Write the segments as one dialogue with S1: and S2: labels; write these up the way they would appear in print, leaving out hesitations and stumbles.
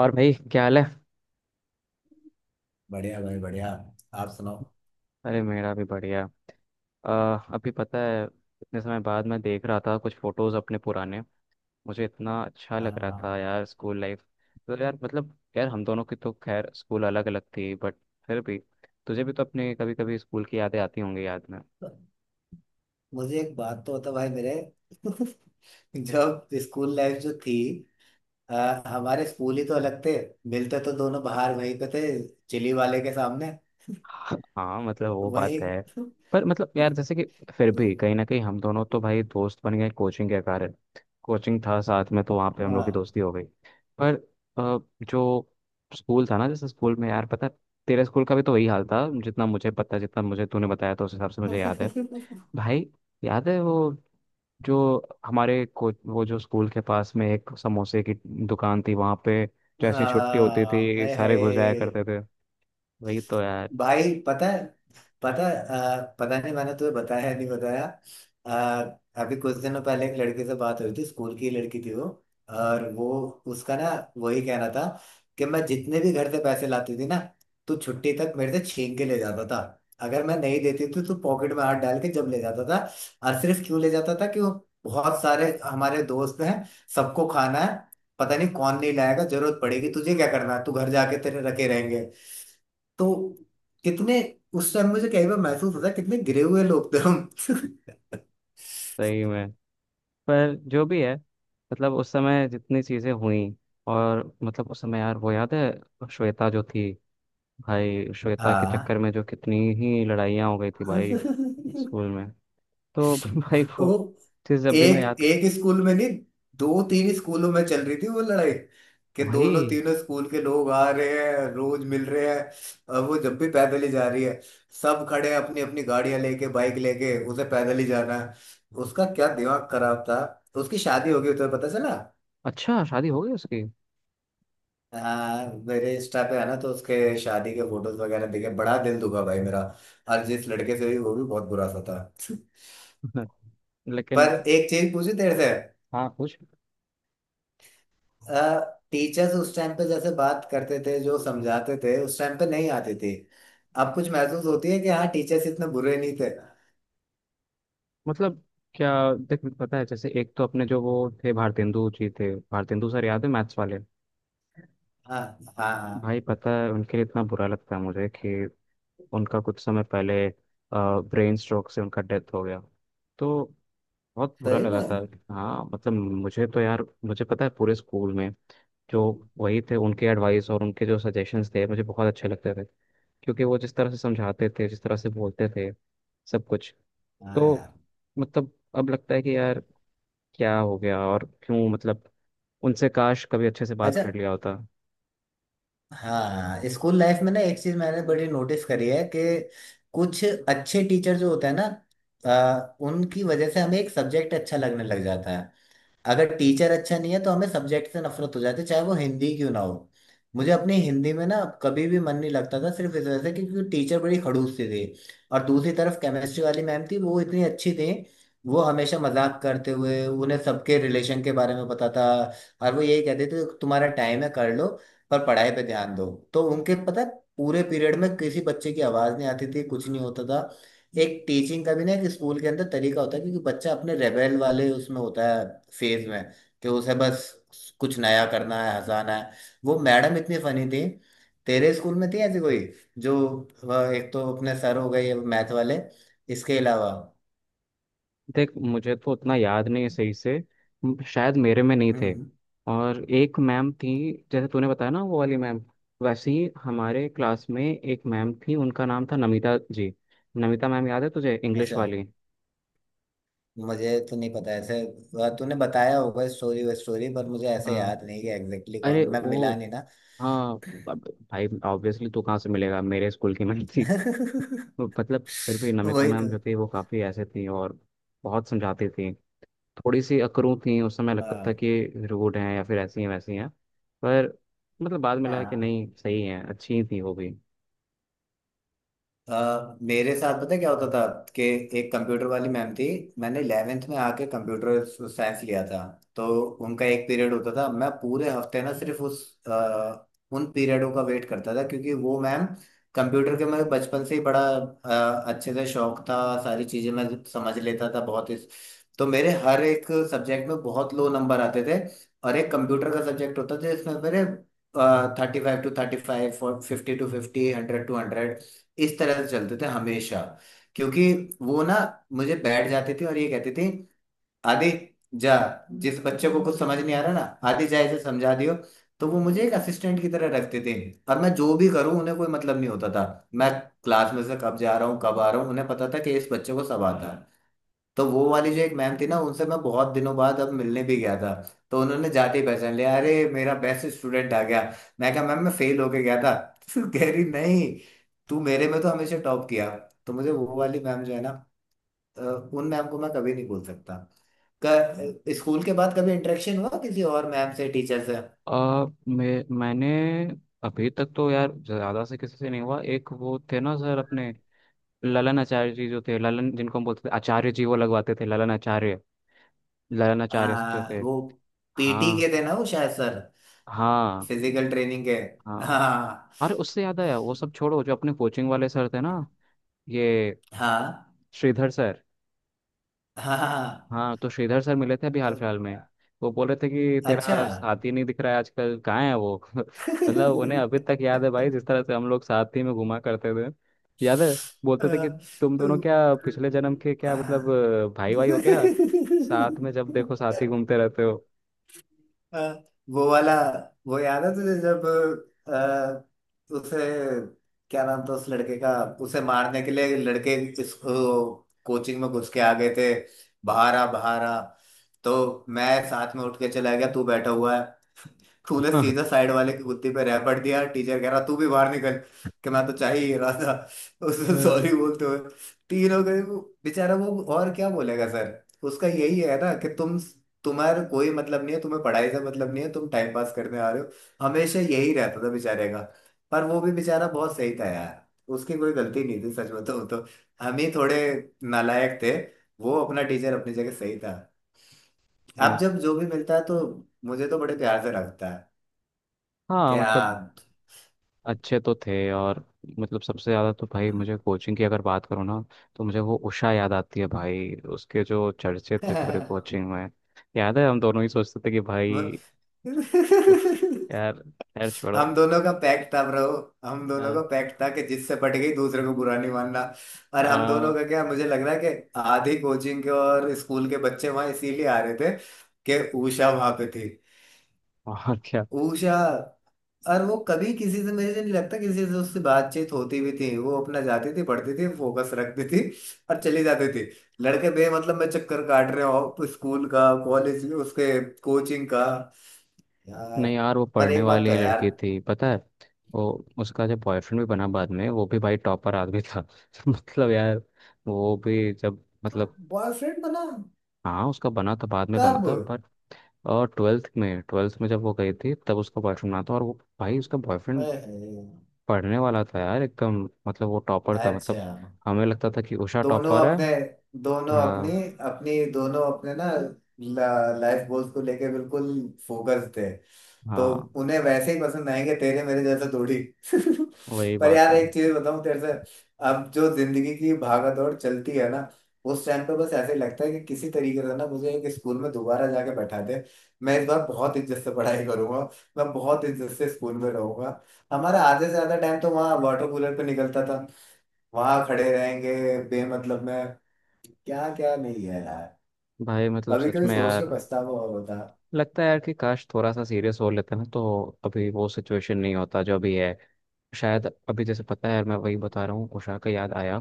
S1: और भाई क्या हाल है?
S2: बढ़िया भाई बढ़िया। आप सुनाओ।
S1: अरे मेरा भी बढ़िया। अ, अभी पता है, इतने समय बाद मैं देख रहा था कुछ फोटोज अपने पुराने। मुझे इतना अच्छा
S2: हाँ
S1: लग रहा था
S2: हाँ।
S1: यार, स्कूल लाइफ। तो यार मतलब यार हम दोनों की तो खैर स्कूल अलग अलग थी, बट फिर भी तुझे भी तो अपने कभी कभी स्कूल की यादें आती होंगी याद में।
S2: मुझे एक बात तो बता भाई मेरे। जब स्कूल लाइफ जो थी, हमारे स्कूल ही तो अलग थे। मिलते तो दोनों बाहर वहीं पे थे, चिली वाले के सामने।
S1: हाँ मतलब वो बात
S2: वही।
S1: है। पर मतलब यार जैसे कि फिर भी कहीं ना कहीं हम दोनों तो भाई दोस्त बन गए कोचिंग के कारण। कोचिंग था साथ में तो वहाँ पे हम लोग की
S2: हाँ
S1: दोस्ती हो गई। पर अ, जो स्कूल था ना, जैसे स्कूल में यार पता है, तेरे स्कूल का भी तो वही हाल था जितना मुझे पता है, जितना मुझे तूने बताया तो उस हिसाब से मुझे याद है। भाई याद है वो जो हमारे को, वो जो स्कूल के पास में एक समोसे की दुकान थी वहाँ पे, जैसे छुट्टी होती
S2: हाँ,
S1: थी
S2: हाय
S1: सारे घुस जाया
S2: हाय।
S1: करते थे। वही तो यार।
S2: भाई पता है। पता नहीं मैंने तुम्हें बताया नहीं बताया। अभी कुछ दिनों पहले एक लड़के से बात हुई थी, स्कूल की लड़की थी वो। और वो, उसका ना, वही कहना था कि मैं जितने भी घर से पैसे लाती थी ना, तो छुट्टी तक मेरे से छीन के ले जाता था। अगर मैं नहीं देती थी तो पॉकेट में हाथ डाल के जब ले जाता था। और सिर्फ क्यों ले जाता था कि वो, बहुत सारे हमारे दोस्त हैं, सबको खाना है, पता नहीं कौन नहीं लाएगा, जरूरत पड़ेगी, तुझे क्या करना है, तू घर जाके तेरे रखे रहेंगे। तो कितने उस टाइम मुझे कई बार महसूस होता है कितने गिरे हुए लोग थे हम।
S1: सही में। पर जो भी है, मतलब उस समय जितनी चीज़ें हुई, और मतलब उस समय यार वो याद है श्वेता जो थी, भाई श्वेता के चक्कर
S2: हाँ।
S1: में जो कितनी ही लड़ाइयाँ हो गई थी भाई स्कूल में। तो भाई वो
S2: वो
S1: चीज़ जब भी मैं
S2: एक
S1: याद।
S2: एक स्कूल में नहीं, दो तीन स्कूलों में चल रही थी वो लड़ाई कि दोनों
S1: वही।
S2: तीनों स्कूल के लोग आ रहे हैं, रोज मिल रहे हैं। और वो जब भी पैदल ही जा रही है, सब खड़े हैं अपनी अपनी गाड़ियां लेके, बाइक लेके, उसे पैदल ही जाना है। उसका क्या दिमाग खराब था। उसकी शादी हो गई तो पता चला।
S1: अच्छा, शादी हो गई उसकी?
S2: हाँ, मेरे इंस्टा पे है ना तो उसके शादी के फोटोज वगैरह देखे, बड़ा दिल दुखा भाई मेरा। और जिस लड़के से भी, वो भी बहुत बुरा सा था।
S1: लेकिन।
S2: पर एक चीज पूछी तेरे से।
S1: हाँ कुछ।
S2: टीचर्स उस टाइम पे जैसे बात करते थे, जो समझाते थे, उस टाइम पे नहीं आती थी। अब कुछ महसूस होती है कि हाँ, टीचर्स इतने बुरे नहीं थे।
S1: मतलब क्या, देख पता है जैसे एक तो अपने जो वो थे, भारतेंदु जी थे, भारतेंदु सर याद है मैथ्स वाले।
S2: हाँ हाँ हाँ।
S1: भाई पता है उनके लिए इतना बुरा लगता है मुझे कि उनका कुछ समय पहले ब्रेन स्ट्रोक से उनका डेथ हो गया। तो बहुत बुरा
S2: सही
S1: लगा
S2: में।
S1: था। हाँ मतलब मुझे तो यार मुझे पता है पूरे स्कूल में जो वही थे, उनके एडवाइस और उनके जो सजेशंस थे मुझे बहुत अच्छे लगते थे, क्योंकि वो जिस तरह से समझाते थे जिस तरह से बोलते थे सब कुछ।
S2: हाँ यार।
S1: तो मतलब अब लगता है कि यार क्या हो गया और क्यों, मतलब उनसे काश कभी अच्छे से बात
S2: अच्छा।
S1: कर लिया होता।
S2: हाँ, स्कूल लाइफ में ना एक चीज मैंने बड़ी नोटिस करी है कि कुछ अच्छे टीचर जो होते हैं ना, उनकी वजह से हमें एक सब्जेक्ट अच्छा लगने लग जाता है। अगर टीचर अच्छा नहीं है तो हमें सब्जेक्ट से नफरत हो जाती है, चाहे वो हिंदी क्यों ना हो। मुझे अपनी हिंदी में ना, कभी भी मन नहीं लगता था, सिर्फ इस वजह से क्योंकि टीचर बड़ी खड़ूस सी थी। और दूसरी तरफ केमिस्ट्री वाली मैम थी, वो इतनी अच्छी थी। वो हमेशा मजाक करते हुए, उन्हें सबके रिलेशन के बारे में पता था। और वो यही कहते थे तुम्हारा टाइम है कर लो, पर पढ़ाई पे ध्यान दो। तो उनके पता है, पूरे पीरियड में किसी बच्चे की आवाज नहीं आती थी, कुछ नहीं होता था। एक टीचिंग का भी ना एक स्कूल के अंदर तरीका होता है, क्योंकि बच्चा अपने रेबेल वाले उसमें होता है, फेज में, कि उसे बस कुछ नया करना है, हंसाना है। वो मैडम इतनी फनी थी। तेरे स्कूल में थी ऐसी कोई? जो, वह एक तो अपने सर हो गए मैथ वाले, इसके अलावा?
S1: देख मुझे तो उतना याद नहीं है सही से। शायद मेरे में नहीं थे।
S2: हम्म।
S1: और एक मैम थी जैसे तूने बताया ना वो वाली मैम, वैसे ही हमारे क्लास में एक मैम थी, उनका नाम था नमिता जी। नमिता मैम याद है तुझे, इंग्लिश
S2: अच्छा,
S1: वाली?
S2: मुझे तो नहीं पता ऐसे। वह तूने बताया होगा स्टोरी व स्टोरी, पर मुझे ऐसे
S1: हाँ।
S2: याद नहीं कि एग्जैक्टली कौन,
S1: अरे
S2: मैं
S1: वो,
S2: मिला नहीं ना।
S1: हाँ अब भाई ऑब्वियसली तू कहाँ से मिलेगा, मेरे स्कूल की मैम थी तो मतलब फिर भी नमिता
S2: वही
S1: मैम
S2: तो।
S1: जो थी वो काफ़ी ऐसे थी, और बहुत समझाती थी। थोड़ी सी अकरूं थी, उस समय लगता था
S2: हाँ
S1: कि रूड हैं या फिर ऐसी हैं वैसी हैं। पर मतलब बाद में लगा कि
S2: हाँ।
S1: नहीं सही हैं, अच्छी थी वो भी।
S2: मेरे साथ पता है क्या होता था कि एक कंप्यूटर वाली मैम थी। मैंने 11th में आके कंप्यूटर साइंस लिया था। तो उनका एक पीरियड होता था, मैं पूरे हफ्ते ना सिर्फ उन पीरियडों का वेट करता था क्योंकि वो मैम, कंप्यूटर के मेरे बचपन से ही बड़ा अच्छे से शौक था। सारी चीजें मैं समझ लेता था बहुत इस, तो मेरे हर एक सब्जेक्ट में बहुत लो नंबर आते थे, और एक कंप्यूटर का सब्जेक्ट होता था जिसमें मेरे 35 टू 35, 50 टू 50, 100 टू 100, इस तरह से चलते थे हमेशा। क्योंकि वो ना मुझे बैठ जाते थे और ये कहते थे, आदि जा, जिस बच्चे को कुछ समझ नहीं आ रहा ना, आदि जा इसे समझा दियो। तो वो मुझे एक असिस्टेंट की तरह रखते थे, और मैं जो भी करूं उन्हें कोई मतलब नहीं होता था। मैं क्लास में से कब जा रहा हूँ, कब आ रहा हूँ, उन्हें पता था कि इस बच्चे को सब आता है। तो वो वाली जो एक मैम थी ना, उनसे मैं बहुत दिनों बाद अब मिलने भी गया था। तो उन्होंने जाते ही पहचान लिया, अरे मेरा बेस्ट स्टूडेंट आ गया। मैं कहा मैम, मैं फेल होके गया था। तो कह रही नहीं, तू मेरे में तो हमेशा टॉप किया। तो मुझे वो वाली मैम जो है ना, अ, उन मैम को मैं कभी नहीं भूल सकता। स्कूल के बाद कभी इंटरेक्शन हुआ किसी और मैम से, टीचर से?
S1: मैं मैंने अभी तक तो यार ज़्यादा से किसी से नहीं हुआ, एक वो थे ना सर अपने, ललन आचार्य जी जो थे, ललन जिनको हम बोलते थे आचार्य जी, वो लगवाते थे ललन आचार्य, ललन आचार्य जो
S2: हाँ,
S1: थे।
S2: वो पीटी
S1: हाँ।
S2: के थे ना वो शायद सर,
S1: हाँ
S2: फिजिकल ट्रेनिंग के।
S1: हाँ।
S2: हाँ
S1: अरे उससे याद आया, वो सब छोड़ो, जो अपने कोचिंग वाले सर थे ना, ये
S2: हाँ
S1: श्रीधर सर।
S2: हाँ, हाँ,
S1: हाँ तो श्रीधर सर मिले थे अभी हाल
S2: हाँ,
S1: फिलहाल में। वो बोल रहे थे कि
S2: अच्छा।
S1: तेरा साथी नहीं दिख रहा है आजकल, कहाँ है वो मतलब उन्हें अभी तक याद है भाई,
S2: हाँ।
S1: जिस तरह से हम लोग साथी में घुमा करते थे। याद है, बोलते थे कि तुम दोनों
S2: तो-
S1: क्या पिछले जन्म के, क्या मतलब
S2: हाँ।
S1: भाई भाई हो क्या, साथ में जब देखो साथी घूमते रहते हो
S2: हाँ, वो वाला, वो याद है तुझे जब, अ, उसे क्या नाम था उस लड़के का, उसे मारने के लिए लड़के इस कोचिंग में घुस के आ गए थे, बाहर आ बाहर आ। तो मैं साथ में उठ के चला गया, तू बैठा हुआ है। तूने सीधा
S1: हाँ।
S2: साइड वाले की कुत्ती पे रैपट दिया, टीचर कह रहा तू भी बाहर निकल, कि मैं तो चाह ही रहा था। उसने सॉरी बोलते हुए तीनों गए वो। बेचारा वो और क्या बोलेगा सर, उसका यही है ना कि तुम्हारा कोई मतलब नहीं है, तुम्हें पढ़ाई से मतलब नहीं है, तुम टाइम पास करने आ रहे हो। हमेशा यही रहता था बेचारे का। पर वो भी बेचारा बहुत सही था यार, उसकी कोई गलती नहीं थी सच बताऊं तो। हम ही थोड़े नालायक थे। वो अपना टीचर अपनी जगह सही था। अब
S1: हम्म।
S2: जब जो भी मिलता है तो मुझे तो बड़े प्यार से रखता है।
S1: हाँ
S2: क्या?
S1: मतलब अच्छे तो थे। और मतलब सबसे ज़्यादा तो भाई मुझे कोचिंग की अगर बात करूँ ना, तो मुझे वो उषा याद आती है, भाई उसके जो चर्चे थे पूरे कोचिंग में। याद है, हम दोनों ही सोचते थे कि भाई, उफ यार, यार छोड़ो।
S2: हम दोनों का पैक्ट था ब्रो। हम दोनों
S1: आ,
S2: का पैक्ट था कि जिससे पट गई दूसरे को बुरा नहीं मानना। और हम दोनों
S1: आ,
S2: का क्या, मुझे लग रहा है कि आधी कोचिंग के और स्कूल के बच्चे वहां इसीलिए आ रहे थे कि उषा वहां पे थी।
S1: और क्या।
S2: उषा। और वो कभी किसी से, मुझे नहीं लगता किसी से उससे बातचीत होती भी थी, वो अपना जाती थी, पढ़ती थी, फोकस रखती थी और चली जाती थी। लड़के बे मतलब में चक्कर काट रहे हो, स्कूल का, कॉलेज उसके, कोचिंग का, यार।
S1: नहीं यार वो
S2: पर
S1: पढ़ने
S2: एक बात तो
S1: वाली
S2: है यार।
S1: लड़की थी, पता है वो, उसका जो बॉयफ्रेंड भी बना बाद में वो भी भाई टॉपर आदमी था मतलब यार वो भी जब मतलब,
S2: बॉयफ्रेंड बना?
S1: हाँ उसका बना था, बाद में बना
S2: कब?
S1: था, पर और ट्वेल्थ में जब वो गई थी तब उसका बॉयफ्रेंड बना था। और वो, भाई उसका बॉयफ्रेंड
S2: ओए होए,
S1: पढ़ने वाला था यार एकदम, मतलब वो टॉपर था,
S2: अच्छा।
S1: मतलब हमें लगता था कि उषा
S2: दोनों
S1: टॉपर है।
S2: अपने दोनों
S1: हाँ।
S2: अपनी अपनी दोनों अपने ना, लाइफ गोल्स को लेके बिल्कुल फोकस थे। तो
S1: हाँ
S2: उन्हें वैसे ही पसंद आएंगे तेरे मेरे जैसे थोड़ी।
S1: वही
S2: पर
S1: बात
S2: यार
S1: है।
S2: एक चीज बताऊं तेरे से, अब जो जिंदगी की भागा दौड़ चलती है ना, उस टाइम पे बस ऐसे ही लगता है कि किसी तरीके से ना मुझे एक स्कूल में दोबारा जाके बैठा दे। मैं इस बार बहुत इज्जत से पढ़ाई करूंगा, मैं बहुत इज्जत से स्कूल में रहूंगा। हमारा आधे से ज्यादा टाइम तो वहाँ वाटर कूलर पे निकलता था, वहां खड़े रहेंगे बेमतलब में, क्या क्या नहीं है यार।
S1: भाई मतलब
S2: कभी
S1: सच
S2: कभी
S1: में
S2: सोच के
S1: यार
S2: पछतावा होता।
S1: लगता है यार कि काश थोड़ा सा सीरियस हो लेते ना, तो अभी वो सिचुएशन नहीं होता जो अभी है। शायद अभी जैसे पता है यार, मैं वही बता रहा हूँ, उषा का याद आया।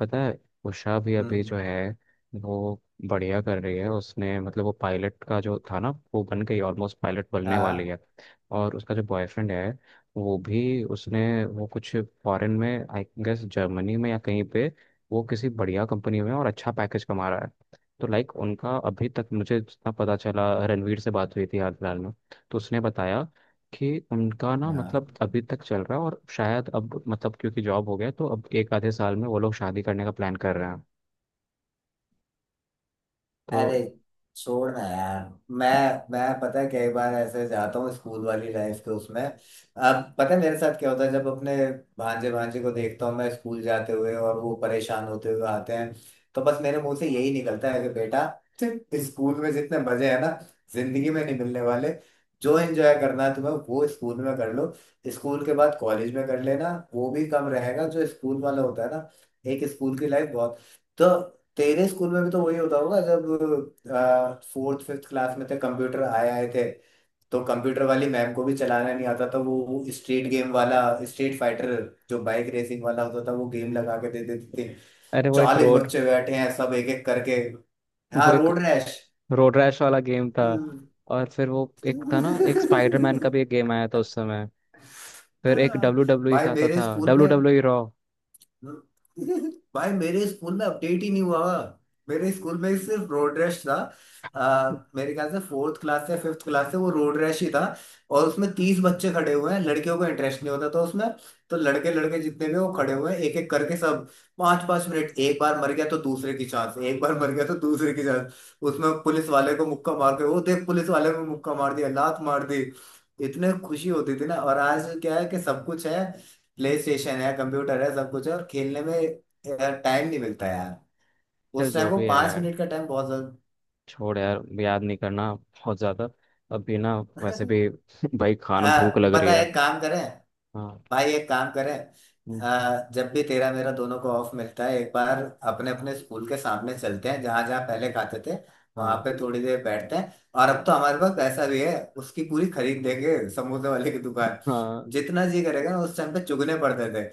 S1: पता है, उषा भी अभी जो
S2: हम्म।
S1: है वो बढ़िया कर रही है, उसने मतलब वो पायलट का जो था ना वो बन गई, ऑलमोस्ट पायलट बनने वाली
S2: हाँ
S1: है। और उसका जो बॉयफ्रेंड है वो भी, उसने वो कुछ फॉरेन में आई गेस, जर्मनी में या कहीं पे, वो किसी बढ़िया कंपनी में और अच्छा पैकेज कमा रहा है। तो लाइक उनका अभी तक मुझे जितना पता चला, रणवीर से बात हुई थी हाल फिलहाल में तो उसने बताया कि उनका ना मतलब
S2: हाँ।
S1: अभी तक चल रहा है, और शायद अब मतलब क्योंकि जॉब हो गया तो अब एक आधे साल में वो लोग शादी करने का प्लान कर रहे हैं।
S2: अरे
S1: तो
S2: छोड़ ना यार। मैं मैं पता है कई बार ऐसे जाता हूँ, स्कूल वाली लाइफ के उसमें, अब पता है मेरे साथ क्या होता है, जब अपने भांजे भांजे को देखता हूँ मैं स्कूल जाते हुए और वो परेशान होते हुए आते हैं, तो बस मेरे मुंह से यही निकलता है कि बेटा, तेरे स्कूल में जितने मजे हैं ना, जिंदगी में नहीं मिलने वाले। जो एंजॉय करना है तुम्हें, वो स्कूल में कर लो। स्कूल के बाद कॉलेज में कर लेना वो भी कम रहेगा, जो स्कूल वाला होता है ना, एक स्कूल की लाइफ बहुत। तो तेरे स्कूल में भी तो वही होता होगा, जब फोर्थ फिफ्थ क्लास में थे, कंप्यूटर आए आए थे, तो कंप्यूटर वाली मैम को भी चलाना नहीं आता था, वो स्ट्रीट गेम वाला, स्ट्रीट फाइटर, जो बाइक रेसिंग वाला होता था, वो गेम लगा के दे देते थे।
S1: अरे वो एक
S2: 40
S1: रोड,
S2: बच्चे बैठे हैं सब एक एक करके। हाँ,
S1: वो एक
S2: रोड रैश।
S1: रोड रैश वाला गेम था। और फिर वो एक था ना, एक स्पाइडरमैन का भी एक गेम आया था उस समय। फिर एक डब्ल्यू डब्ल्यू ई
S2: भाई
S1: का आता
S2: मेरे
S1: था,
S2: स्कूल
S1: डब्ल्यू
S2: में
S1: डब्ल्यू ई रॉ।
S2: भाई मेरे स्कूल में अपडेट ही नहीं हुआ हुआ। मेरे स्कूल में सिर्फ रोड रैश था। आ, मेरे ख्याल से फोर्थ क्लास से, फिफ्थ क्लास से वो रोड रैश ही था। और उसमें 30 बच्चे खड़े हुए हैं, लड़कियों को इंटरेस्ट नहीं होता था उसमें, तो लड़के, लड़के जितने भी वो खड़े हुए हैं एक एक करके सब, पाँच पाँच मिनट, एक बार मर गया तो दूसरे की चांस, एक बार मर गया तो दूसरे की चांस। उसमें पुलिस वाले को मुक्का मार के, वो देख पुलिस वाले को मुक्का मार दिया, लात मार दी, इतने खुशी होती थी ना। और आज क्या है कि सब कुछ है, प्ले स्टेशन है, कंप्यूटर है, सब कुछ है, और खेलने में यार टाइम नहीं मिलता यार।
S1: चल
S2: उस टाइम
S1: जो
S2: को
S1: भी है,
S2: 5 मिनट का टाइम बहुत ज्यादा।
S1: छोड़ यार याद नहीं करना बहुत ज्यादा। अभी ना वैसे भी भाई खाना, भूख लग रही
S2: पता है
S1: है।
S2: एक काम करें,
S1: हाँ।
S2: भाई एक काम करें,
S1: हम्म।
S2: जब भी तेरा मेरा दोनों को ऑफ मिलता है एक बार, अपने अपने स्कूल के सामने चलते हैं, जहां जहां पहले खाते थे, वहां
S1: हाँ।
S2: पे थोड़ी देर बैठते हैं। और अब तो हमारे पास पैसा भी है, उसकी पूरी खरीद देंगे समोसे वाले की दुकान,
S1: हाँ
S2: जितना जी करेगा। ना उस टाइम पे चुगने पड़ते थे,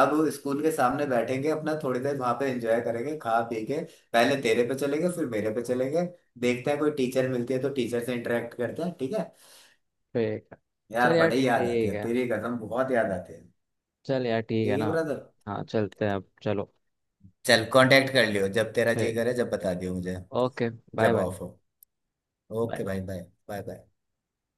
S2: अब स्कूल के सामने बैठेंगे अपना, थोड़ी देर वहां पे एंजॉय करेंगे, खा पी के। पहले तेरे पे चलेंगे, फिर मेरे पे चलेंगे, देखते हैं कोई टीचर मिलती है तो टीचर से इंटरेक्ट करते हैं। ठीक है?
S1: ठीक है। चल
S2: यार
S1: यार
S2: बड़ी याद आती
S1: ठीक
S2: है
S1: है।
S2: तेरी कसम, बहुत याद आती है।
S1: चल यार ठीक है
S2: ठीक है
S1: ना।
S2: ब्रदर।
S1: हाँ चलते हैं, अब चलो।
S2: चल कांटेक्ट कर लियो, जब तेरा जी
S1: ठीक।
S2: करे जब बता दियो मुझे,
S1: ओके। बाय
S2: जब
S1: बाय।
S2: ऑफ हो। Okay
S1: bye.
S2: भाई, बाय बाय बाय।